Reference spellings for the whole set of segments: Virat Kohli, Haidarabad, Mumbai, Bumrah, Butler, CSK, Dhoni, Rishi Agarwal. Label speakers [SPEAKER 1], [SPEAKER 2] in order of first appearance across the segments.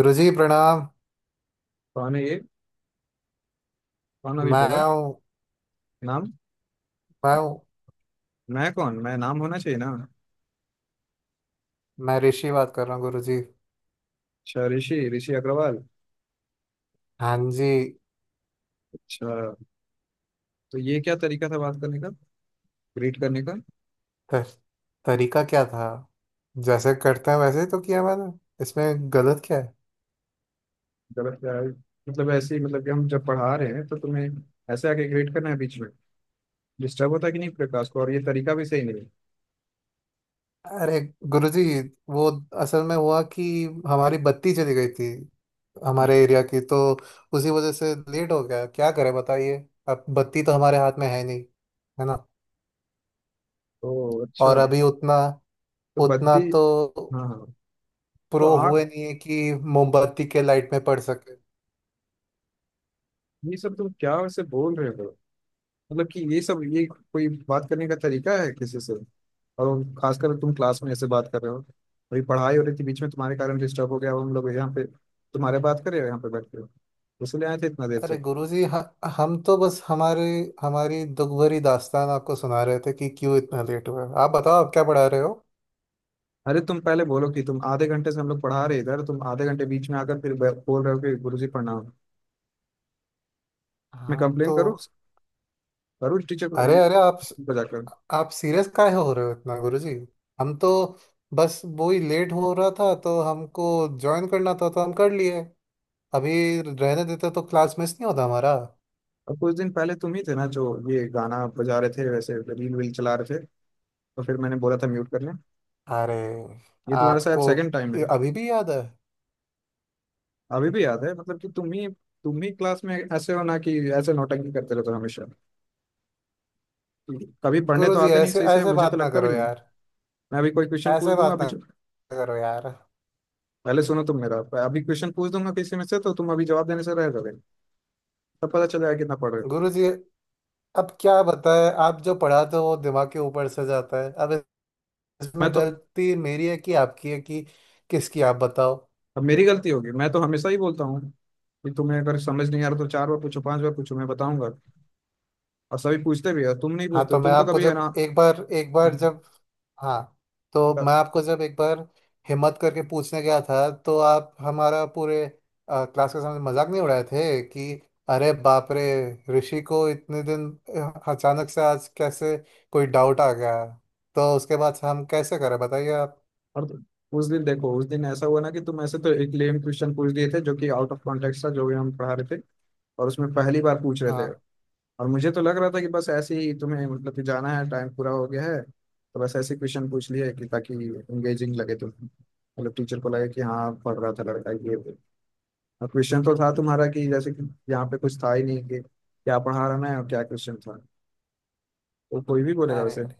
[SPEAKER 1] गुरुजी प्रणाम।
[SPEAKER 2] कौन है ये? कौन अभी बोला?
[SPEAKER 1] मैं हूँ।
[SPEAKER 2] नाम।
[SPEAKER 1] मैं हूँ।
[SPEAKER 2] मैं कौन? मैं नाम होना चाहिए ना।
[SPEAKER 1] मैं ऋषि बात कर रहा हूँ गुरुजी।
[SPEAKER 2] अच्छा, ऋषि, ऋषि अग्रवाल।
[SPEAKER 1] हाँ जी।
[SPEAKER 2] अच्छा। तो ये क्या तरीका था बात करने का, ग्रीट करने का?
[SPEAKER 1] तर, तरीका क्या था। जैसे करते हैं वैसे ही तो किया मैंने। इसमें गलत क्या है।
[SPEAKER 2] गलत क्या है? मतलब ऐसे ही, मतलब कि हम जब पढ़ा रहे हैं तो तुम्हें ऐसे आके ग्रीट करना है बीच में? डिस्टर्ब होता है कि नहीं प्रकाश को? और ये तरीका भी सही नहीं है।
[SPEAKER 1] अरे गुरुजी, वो असल में हुआ कि हमारी बत्ती चली गई थी हमारे एरिया की, तो उसी वजह से लेट हो गया। क्या करें बताइए। अब बत्ती तो हमारे हाथ में है नहीं, है ना।
[SPEAKER 2] तो अच्छा।
[SPEAKER 1] और अभी उतना
[SPEAKER 2] तो
[SPEAKER 1] उतना
[SPEAKER 2] बद्दी।
[SPEAKER 1] तो
[SPEAKER 2] हाँ हाँ। तो
[SPEAKER 1] प्रो
[SPEAKER 2] आठ,
[SPEAKER 1] हुए नहीं है कि मोमबत्ती के लाइट में पड़ सके।
[SPEAKER 2] ये सब तुम क्या वैसे बोल रहे हो? मतलब कि ये सब, ये कोई बात करने का तरीका है किसी से? और खासकर तुम क्लास में ऐसे बात कर रहे हो। अभी पढ़ाई हो रही थी, बीच में तुम्हारे कारण डिस्टर्ब हो गया। अब हम लोग यहाँ पे तुम्हारे बात कर रहे हो यहाँ पे बैठ के। इसलिए आए थे इतना देर से?
[SPEAKER 1] अरे गुरुजी, हम तो बस हमारे हमारी दुख भरी दास्तान आपको सुना रहे थे कि क्यों इतना लेट हुआ है। आप बताओ, आप क्या पढ़ा रहे हो।
[SPEAKER 2] अरे तुम पहले बोलो कि तुम आधे घंटे से हम लोग पढ़ा रहे इधर, तुम आधे घंटे बीच में आकर फिर बोल रहे हो कि गुरुजी प्रणाम। मैं
[SPEAKER 1] आप
[SPEAKER 2] कंप्लेन
[SPEAKER 1] तो।
[SPEAKER 2] करूँ करूँ टीचर को
[SPEAKER 1] अरे अरे आप।
[SPEAKER 2] को जाकर।
[SPEAKER 1] आप सीरियस काहे हो रहे हो इतना गुरुजी। हम तो बस वो ही लेट हो रहा था तो हमको ज्वाइन करना था तो हम कर लिए। अभी रहने देते तो क्लास मिस नहीं होता हमारा।
[SPEAKER 2] और कुछ दिन पहले तुम ही थे ना जो ये गाना बजा रहे थे, वैसे रील वील चला रहे थे? तो फिर मैंने बोला था म्यूट कर लें।
[SPEAKER 1] अरे
[SPEAKER 2] ये तुम्हारे साथ
[SPEAKER 1] आपको
[SPEAKER 2] सेकंड टाइम है।
[SPEAKER 1] ये अभी भी याद है।
[SPEAKER 2] अभी भी याद है मतलब कि तुम ही क्लास में ऐसे हो ना कि ऐसे नौटंकी करते रहते हो हमेशा। कभी पढ़ने तो
[SPEAKER 1] गुरुजी,
[SPEAKER 2] आते नहीं
[SPEAKER 1] ऐसे
[SPEAKER 2] सही से,
[SPEAKER 1] ऐसे
[SPEAKER 2] मुझे तो
[SPEAKER 1] बात ना
[SPEAKER 2] लगता भी
[SPEAKER 1] करो
[SPEAKER 2] नहीं।
[SPEAKER 1] यार।
[SPEAKER 2] मैं अभी कोई क्वेश्चन
[SPEAKER 1] ऐसे
[SPEAKER 2] पूछ दूंगा
[SPEAKER 1] बात
[SPEAKER 2] अभी।
[SPEAKER 1] ना करो यार।
[SPEAKER 2] पहले सुनो तुम मेरा। अभी क्वेश्चन पूछ दूंगा किसी में से तो तुम अभी जवाब देने से रह जाओगे। तब पता चल जाएगा कितना पढ़ रहे हो।
[SPEAKER 1] गुरु जी, अब क्या बताएं। आप जो पढ़ाते हो वो दिमाग के ऊपर से जाता है अब। इसमें
[SPEAKER 2] मैं तो
[SPEAKER 1] गलती मेरी है कि आपकी है कि किसकी, आप बताओ।
[SPEAKER 2] अब मेरी गलती होगी। मैं तो हमेशा ही बोलता हूँ कि तुम्हें अगर समझ नहीं आ रहा तो चार बार पूछो, पांच बार पूछो, मैं बताऊंगा। और सभी पूछते भी है, तुम नहीं
[SPEAKER 1] हाँ, तो
[SPEAKER 2] पूछते,
[SPEAKER 1] मैं
[SPEAKER 2] तुम तो
[SPEAKER 1] आपको
[SPEAKER 2] कभी है
[SPEAKER 1] जब एक बार
[SPEAKER 2] ना।
[SPEAKER 1] जब। हाँ। तो मैं आपको जब एक बार हिम्मत करके पूछने गया था तो आप हमारा पूरे क्लास के सामने मजाक नहीं उड़ाए थे कि अरे बाप रे, ऋषि को इतने दिन अचानक से आज कैसे कोई डाउट आ गया। तो उसके बाद हम कैसे करें बताइए आप।
[SPEAKER 2] और उस दिन देखो, उस दिन ऐसा हुआ ना कि तुम ऐसे तो एक लेम क्वेश्चन पूछ दिए थे जो कि आउट ऑफ कॉन्टेक्स्ट था जो भी हम पढ़ा रहे थे। और उसमें पहली बार पूछ रहे
[SPEAKER 1] हाँ।
[SPEAKER 2] थे। और मुझे तो लग रहा था कि बस ऐसे ही तुम्हें मतलब कि जाना है, टाइम पूरा हो गया है तो बस ऐसे क्वेश्चन पूछ लिए कि ताकि इंगेजिंग लगे तुम, मतलब टीचर को लगे कि हाँ पढ़ रहा था लड़का ये वो। और क्वेश्चन तो था तुम्हारा कि जैसे कि यहाँ पे कुछ था ही नहीं कि क्या पढ़ा रहा मैं और क्या क्वेश्चन था। तो कोई भी बोलेगा
[SPEAKER 1] अरे
[SPEAKER 2] वैसे।
[SPEAKER 1] अरे,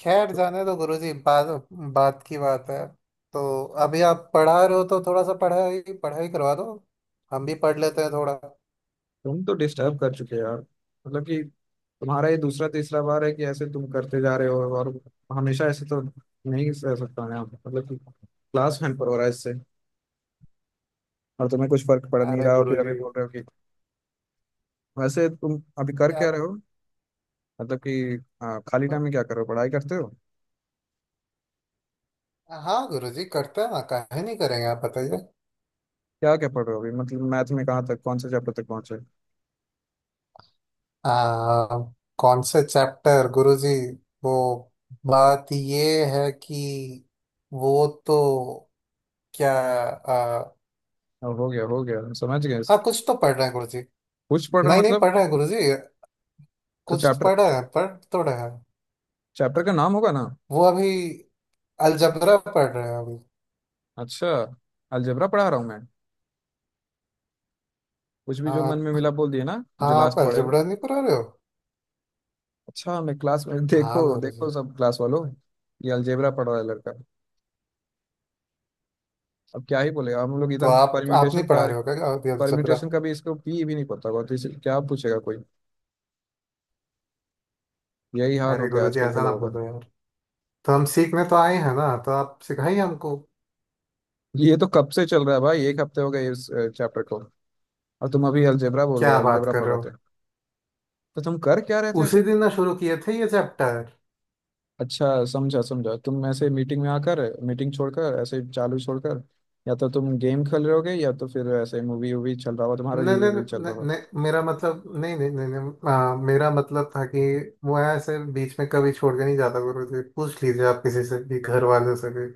[SPEAKER 1] खैर जाने दो गुरुजी, बात बात की बात है तो। अभी आप पढ़ा रहे हो तो थोड़ा सा पढ़ाई पढ़ाई करवा दो, हम भी पढ़ लेते हैं थोड़ा।
[SPEAKER 2] तुम तो डिस्टर्ब कर चुके हो यार। मतलब कि तुम्हारा ये दूसरा तीसरा बार है कि ऐसे तुम करते जा रहे हो। और हमेशा ऐसे तो नहीं रह सकता मैं, मतलब कि क्लास हैम्पर हो रहा है इससे। और तुम्हें कुछ फर्क पड़ नहीं
[SPEAKER 1] अरे
[SPEAKER 2] रहा, और फिर अभी
[SPEAKER 1] गुरुजी,
[SPEAKER 2] बोल रहे हो कि। वैसे तुम अभी कर
[SPEAKER 1] क्या
[SPEAKER 2] क्या
[SPEAKER 1] आप।
[SPEAKER 2] रहे हो, मतलब कि खाली टाइम में क्या कर रहे हो, पढ़ाई करते हो?
[SPEAKER 1] हाँ गुरुजी, करते हैं ना, काहे नहीं करेंगे, आप बताइए।
[SPEAKER 2] क्या क्या पढ़ रहे हो अभी, मतलब मैथ में कहाँ तक, कौन से चैप्टर तक पहुंचे?
[SPEAKER 1] आ, कौन से चैप्टर गुरुजी। वो बात ये है कि वो तो क्या।
[SPEAKER 2] अब हो गया, हो गया, हम समझ गए।
[SPEAKER 1] हाँ, कुछ तो पढ़ रहे हैं गुरुजी।
[SPEAKER 2] कुछ पढ़ रहा
[SPEAKER 1] नहीं नहीं,
[SPEAKER 2] मतलब?
[SPEAKER 1] पढ़ रहे हैं गुरुजी।
[SPEAKER 2] तो
[SPEAKER 1] कुछ तो
[SPEAKER 2] चैप्टर,
[SPEAKER 1] पढ़ रहे हैं, पढ़ तो रहे हैं।
[SPEAKER 2] चैप्टर का नाम होगा ना।
[SPEAKER 1] वो अभी अलजबरा पढ़ रहे हो अभी।
[SPEAKER 2] अच्छा, अलजेब्रा पढ़ा रहा हूँ मैं? कुछ भी जो मन
[SPEAKER 1] हाँ
[SPEAKER 2] में मिला बोल दिए ना
[SPEAKER 1] हाँ,
[SPEAKER 2] जो
[SPEAKER 1] आप
[SPEAKER 2] लास्ट पढ़े हो।
[SPEAKER 1] अलजबरा नहीं पढ़ा रहे हो?
[SPEAKER 2] अच्छा, मैं क्लास में,
[SPEAKER 1] हाँ
[SPEAKER 2] देखो
[SPEAKER 1] गुरु
[SPEAKER 2] देखो
[SPEAKER 1] जी।
[SPEAKER 2] सब क्लास वालों, ये अलजेब्रा पढ़ रहा है लड़का। अब क्या ही बोलेगा, हम लोग
[SPEAKER 1] तो
[SPEAKER 2] इधर
[SPEAKER 1] आप
[SPEAKER 2] परम्यूटेशन
[SPEAKER 1] नहीं
[SPEAKER 2] पढ़ा
[SPEAKER 1] पढ़ा रहे हो
[SPEAKER 2] रहे।
[SPEAKER 1] क्या अभी अलजबरा?
[SPEAKER 2] परम्यूटेशन का भी इसको भी नहीं पता होगा तो इसे क्या पूछेगा कोई। यही हाल हो
[SPEAKER 1] अरे
[SPEAKER 2] गया
[SPEAKER 1] गुरु जी,
[SPEAKER 2] आजकल के
[SPEAKER 1] ऐसा ना
[SPEAKER 2] लोगों
[SPEAKER 1] बोलो
[SPEAKER 2] का।
[SPEAKER 1] यार। तो हम सीखने तो आए हैं ना, तो आप सिखाइए हमको।
[SPEAKER 2] ये तो कब से चल रहा है भाई, एक हफ्ते हो गए इस चैप्टर को। और तुम अभी अलजेब्रा बोल रहे
[SPEAKER 1] क्या
[SPEAKER 2] हो
[SPEAKER 1] बात
[SPEAKER 2] अलजेब्रा
[SPEAKER 1] कर
[SPEAKER 2] पढ़
[SPEAKER 1] रहे
[SPEAKER 2] रहे
[SPEAKER 1] हो।
[SPEAKER 2] थे। तो तुम कर क्या रहे थे ऐसे?
[SPEAKER 1] उसी दिन ना शुरू किए थे ये चैप्टर।
[SPEAKER 2] अच्छा, समझा समझा, तुम ऐसे मीटिंग में आकर मीटिंग छोड़कर ऐसे चालू छोड़कर, या तो तुम गेम खेल रहे होगे या तो फिर ऐसे मूवी वूवी चल रहा होगा तुम्हारा,
[SPEAKER 1] नहीं
[SPEAKER 2] रील
[SPEAKER 1] नहीं
[SPEAKER 2] वील चल रहा
[SPEAKER 1] नहीं
[SPEAKER 2] होगा।
[SPEAKER 1] नहीं, मेरा मतलब, नहीं नहीं नहीं नहीं मेरा मतलब था कि वो ऐसे बीच में कभी छोड़ के नहीं जाता गुरु जी, पूछ लीजिए आप किसी से भी, घर वालों से भी।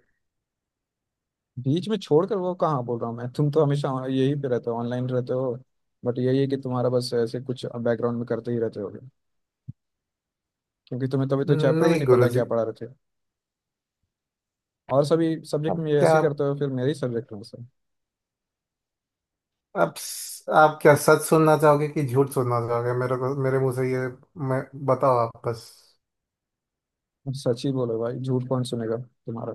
[SPEAKER 2] बीच में छोड़कर वो कहाँ बोल रहा हूँ मैं? तुम तो हमेशा यही पे रहते हो, ऑनलाइन रहते हो। बट यही है कि तुम्हारा बस ऐसे कुछ बैकग्राउंड में करते ही रहते हो, क्योंकि तुम्हें तभी तो चैप्टर भी
[SPEAKER 1] नहीं
[SPEAKER 2] नहीं
[SPEAKER 1] गुरु
[SPEAKER 2] पता
[SPEAKER 1] जी।
[SPEAKER 2] क्या पढ़ा रहे थे। और सभी सब्जेक्ट
[SPEAKER 1] अब
[SPEAKER 2] में ये ऐसे
[SPEAKER 1] क्या,
[SPEAKER 2] ही करते हो फिर, मेरे ही सब्जेक्ट में ऐसे।
[SPEAKER 1] आप आप क्या सच सुनना चाहोगे कि झूठ सुनना चाहोगे मेरे को, मेरे मुंह से ये मैं, बताओ आप बस।
[SPEAKER 2] सच ही बोलो भाई, झूठ कौन सुनेगा तुम्हारा?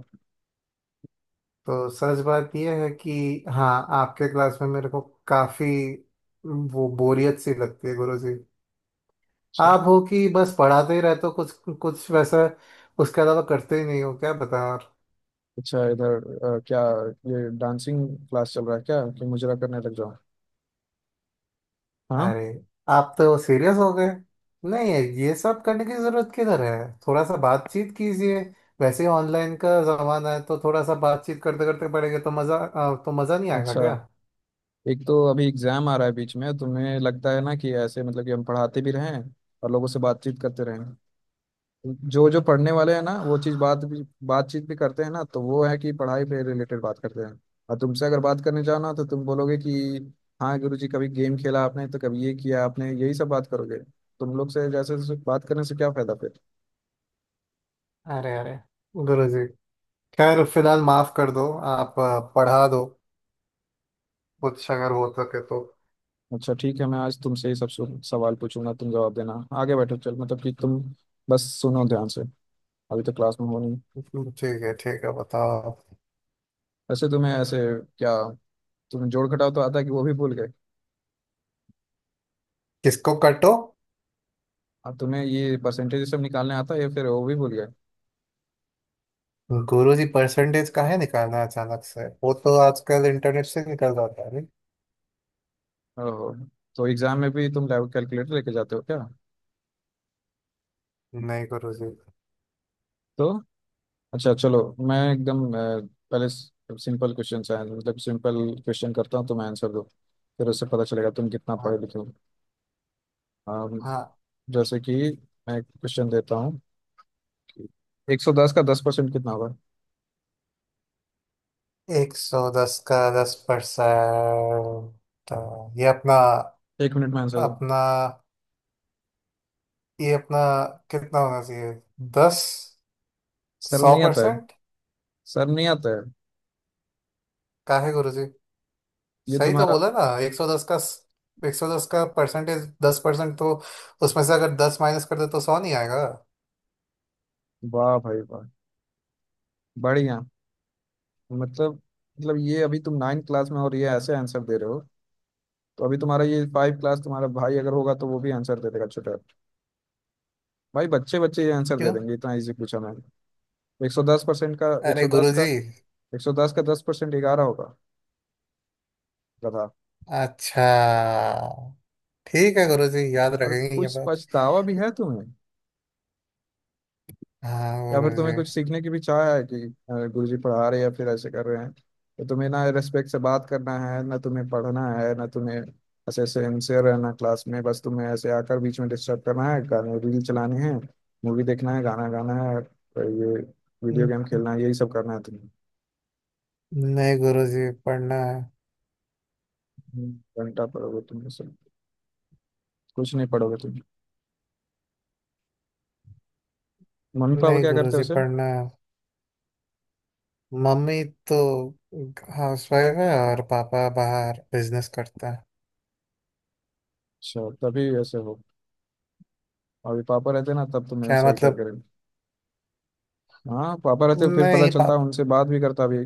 [SPEAKER 1] तो सच बात ये है कि, हाँ, आपके क्लास में मेरे को काफी वो बोरियत सी लगती है गुरु जी।
[SPEAKER 2] अच्छा।
[SPEAKER 1] आप हो कि बस पढ़ाते ही रहते हो, कुछ कुछ वैसा, उसके अलावा करते ही नहीं हो, क्या बताएं और।
[SPEAKER 2] अच्छा, इधर क्या ये डांसिंग क्लास चल रहा है क्या कि मुजरा करने लग जाओ? हाँ।
[SPEAKER 1] अरे आप तो सीरियस हो गए। नहीं, ये सब करने की जरूरत किधर है, थोड़ा सा बातचीत कीजिए। वैसे ही ऑनलाइन का जमाना है तो थोड़ा सा बातचीत करते करते पड़ेगा तो तो मजा नहीं आएगा
[SPEAKER 2] अच्छा,
[SPEAKER 1] क्या।
[SPEAKER 2] एक तो अभी एग्जाम आ रहा है, बीच में तुम्हें लगता है ना कि ऐसे मतलब कि हम पढ़ाते भी रहें और लोगों से बातचीत करते रहें। जो जो पढ़ने वाले हैं ना वो चीज बात भी बातचीत भी करते हैं ना तो वो है कि पढ़ाई पे रिलेटेड बात करते हैं। और तुमसे अगर बात करने जाओ ना तो तुम बोलोगे कि हाँ गुरुजी कभी गेम खेला आपने तो कभी ये किया आपने, यही सब बात करोगे। तुम लोग से जैसे जैसे बात करने से क्या फायदा फिर?
[SPEAKER 1] अरे अरे, गुरु जी, खैर फिलहाल माफ कर दो। आप पढ़ा दो कुछ अगर हो सके तो।
[SPEAKER 2] अच्छा ठीक है, मैं आज तुमसे ही सब सवाल पूछूंगा, तुम जवाब देना। आगे बैठो चल मतलब कि तुम, बस सुनो ध्यान से। अभी तो क्लास में हो नहीं।
[SPEAKER 1] ठीक है ठीक है, बताओ आप।
[SPEAKER 2] वैसे तुम्हें ऐसे क्या, तुम्हें जोड़ घटाव तो आता है कि वो भी भूल गए?
[SPEAKER 1] किसको कटो।
[SPEAKER 2] अब तुम्हें ये परसेंटेज सब निकालने आता है या फिर वो भी भूल गए?
[SPEAKER 1] गुरु जी, परसेंटेज काहे निकालना है अचानक से, वो तो आजकल इंटरनेट से निकल जाता है नहीं।
[SPEAKER 2] ओहो, तो एग्जाम में भी तुम लैब कैलकुलेटर लेके जाते हो क्या?
[SPEAKER 1] नहीं गुरु जी।
[SPEAKER 2] तो अच्छा चलो, मैं एकदम पहले सिंपल क्वेश्चन है, मतलब सिंपल क्वेश्चन करता हूँ, तुम्हें आंसर दो फिर उससे पता चलेगा तुम कितना पढ़े लिखे हो। अम,
[SPEAKER 1] हाँ,
[SPEAKER 2] जैसे कि मैं क्वेश्चन देता हूँ कि 110 का 10% कितना होगा?
[SPEAKER 1] 110 का 10%, तो ये अपना
[SPEAKER 2] एक मिनट में आंसर दो।
[SPEAKER 1] अपना ये अपना कितना होना चाहिए? 10
[SPEAKER 2] शर्म
[SPEAKER 1] सौ
[SPEAKER 2] नहीं आता है?
[SPEAKER 1] परसेंट
[SPEAKER 2] शर्म नहीं आता है?
[SPEAKER 1] का है गुरु जी।
[SPEAKER 2] ये
[SPEAKER 1] सही तो
[SPEAKER 2] तुम्हारा
[SPEAKER 1] बोला ना, एक सौ दस का परसेंटेज 10%, तो उसमें से अगर 10 माइनस कर दे तो 100 नहीं आएगा?
[SPEAKER 2] वाह भाई वाह, बढ़िया। मतलब मतलब ये अभी तुम नाइन्थ क्लास में हो और ये ऐसे आंसर दे रहे हो। तो अभी तुम्हारा ये फाइव क्लास तुम्हारा भाई अगर होगा तो वो भी आंसर दे देगा छोटा भाई। बच्चे बच्चे ये आंसर दे
[SPEAKER 1] क्यों?
[SPEAKER 2] देंगे, इतना इजी पूछा मैंने। 110% का एक
[SPEAKER 1] अरे
[SPEAKER 2] सौ दस
[SPEAKER 1] गुरु
[SPEAKER 2] का,
[SPEAKER 1] जी।
[SPEAKER 2] 110 का दस परसेंट 11 होगा, गधा।
[SPEAKER 1] अच्छा ठीक है गुरु जी, याद
[SPEAKER 2] और
[SPEAKER 1] रखेंगे ये
[SPEAKER 2] कुछ
[SPEAKER 1] बात।
[SPEAKER 2] पछतावा भी है तुम्हें,
[SPEAKER 1] हाँ
[SPEAKER 2] या
[SPEAKER 1] गुरु
[SPEAKER 2] फिर
[SPEAKER 1] जी।
[SPEAKER 2] तुम्हें कुछ सीखने की भी चाह है कि गुरुजी पढ़ा रहे हैं या फिर ऐसे कर रहे हैं? तो तुम्हें ना रेस्पेक्ट से बात करना है, ना तुम्हें पढ़ना है, ना तुम्हें ऐसे सिंसियर रहना क्लास में। बस तुम्हें ऐसे आकर बीच में डिस्टर्ब करना है, गाने रील चलानी है, मूवी देखना है, गाना गाना है और ये वीडियो गेम खेलना है, यही सब करना है तुम्हें।
[SPEAKER 1] नहीं गुरु जी, पढ़ना है।
[SPEAKER 2] हम्म, घंटा पढ़ोगे तुम ये सब। कुछ नहीं पढ़ोगे तुम। मम्मी पापा
[SPEAKER 1] नहीं
[SPEAKER 2] क्या करते हो
[SPEAKER 1] गुरुजी,
[SPEAKER 2] उसे?
[SPEAKER 1] पढ़ना है। मम्मी तो हाउसवाइफ है और पापा बाहर बिजनेस करता है।
[SPEAKER 2] अच्छा तभी ऐसे हो। अभी पापा रहते ना तब तुम्हें
[SPEAKER 1] क्या
[SPEAKER 2] सही
[SPEAKER 1] मतलब?
[SPEAKER 2] करके रखते। हाँ पापा रहते फिर पता
[SPEAKER 1] नहीं
[SPEAKER 2] चलता,
[SPEAKER 1] पाप
[SPEAKER 2] उनसे बात भी करता अभी।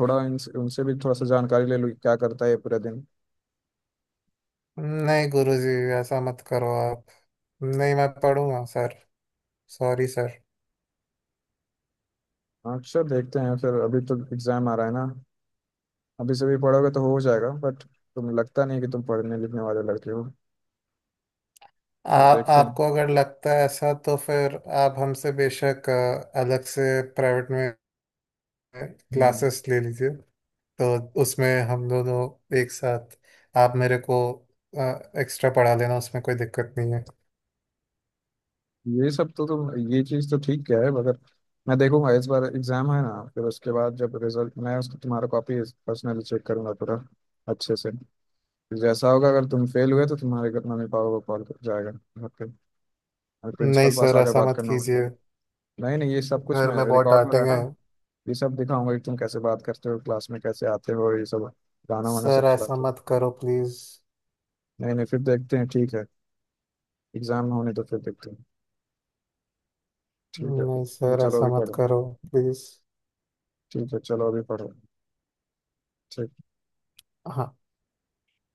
[SPEAKER 2] थोड़ा इनसे उनसे भी थोड़ा सा जानकारी ले लूँ कि क्या करता है ये पूरे दिन।
[SPEAKER 1] नहीं गुरुजी, ऐसा मत करो आप। नहीं, मैं पढ़ूंगा सर। Sorry sir.
[SPEAKER 2] हाँ, अच्छा देखते हैं फिर, अभी तो एग्जाम आ रहा है ना। अभी से भी पढ़ोगे तो हो जाएगा बट तुम लगता नहीं कि तुम पढ़ने लिखने वाले लड़के हो। तो
[SPEAKER 1] आप
[SPEAKER 2] देखते हैं।
[SPEAKER 1] आपको अगर लगता है ऐसा तो फिर आप हमसे बेशक अलग से प्राइवेट में
[SPEAKER 2] हम्म,
[SPEAKER 1] क्लासेस ले लीजिए, तो उसमें हम दोनों एक साथ, आप मेरे को एक्स्ट्रा पढ़ा लेना, उसमें कोई दिक्कत नहीं है।
[SPEAKER 2] ये सब तो तुम, ये चीज़ तो ठीक क्या है, मगर मैं देखूंगा इस बार एग्जाम है ना फिर उसके बाद जब रिजल्ट, मैं उसको तुम्हारा कॉपी पर्सनली चेक करूंगा पूरा अच्छे से। जैसा होगा, अगर तुम फेल हुए तो तुम्हारे घर मम्मी पापा को कॉल कर जाएगा घर पे, और
[SPEAKER 1] नहीं
[SPEAKER 2] प्रिंसिपल पास
[SPEAKER 1] सर,
[SPEAKER 2] आकर
[SPEAKER 1] ऐसा
[SPEAKER 2] बात
[SPEAKER 1] मत
[SPEAKER 2] करना होगा।
[SPEAKER 1] कीजिए।
[SPEAKER 2] नहीं नहीं, ये सब कुछ
[SPEAKER 1] घर
[SPEAKER 2] मैं
[SPEAKER 1] में बहुत
[SPEAKER 2] रिकॉर्ड हो रहा है
[SPEAKER 1] डांटेंगे।
[SPEAKER 2] ना। ये सब दिखाऊंगा कि तुम कैसे बात करते हो क्लास में, कैसे आते हो, ये सब गाना वाना सब
[SPEAKER 1] सर ऐसा
[SPEAKER 2] चलाते हो।
[SPEAKER 1] मत करो प्लीज।
[SPEAKER 2] नहीं नहीं, फिर देखते हैं ठीक है। एग्जाम होने तो फिर देखते हैं, ठीक है
[SPEAKER 1] नहीं
[SPEAKER 2] अभी
[SPEAKER 1] सर
[SPEAKER 2] चलो
[SPEAKER 1] ऐसा
[SPEAKER 2] अभी
[SPEAKER 1] मत
[SPEAKER 2] पढ़ो।
[SPEAKER 1] करो प्लीज।
[SPEAKER 2] ठीक है चलो अभी पढ़ो। ठीक है।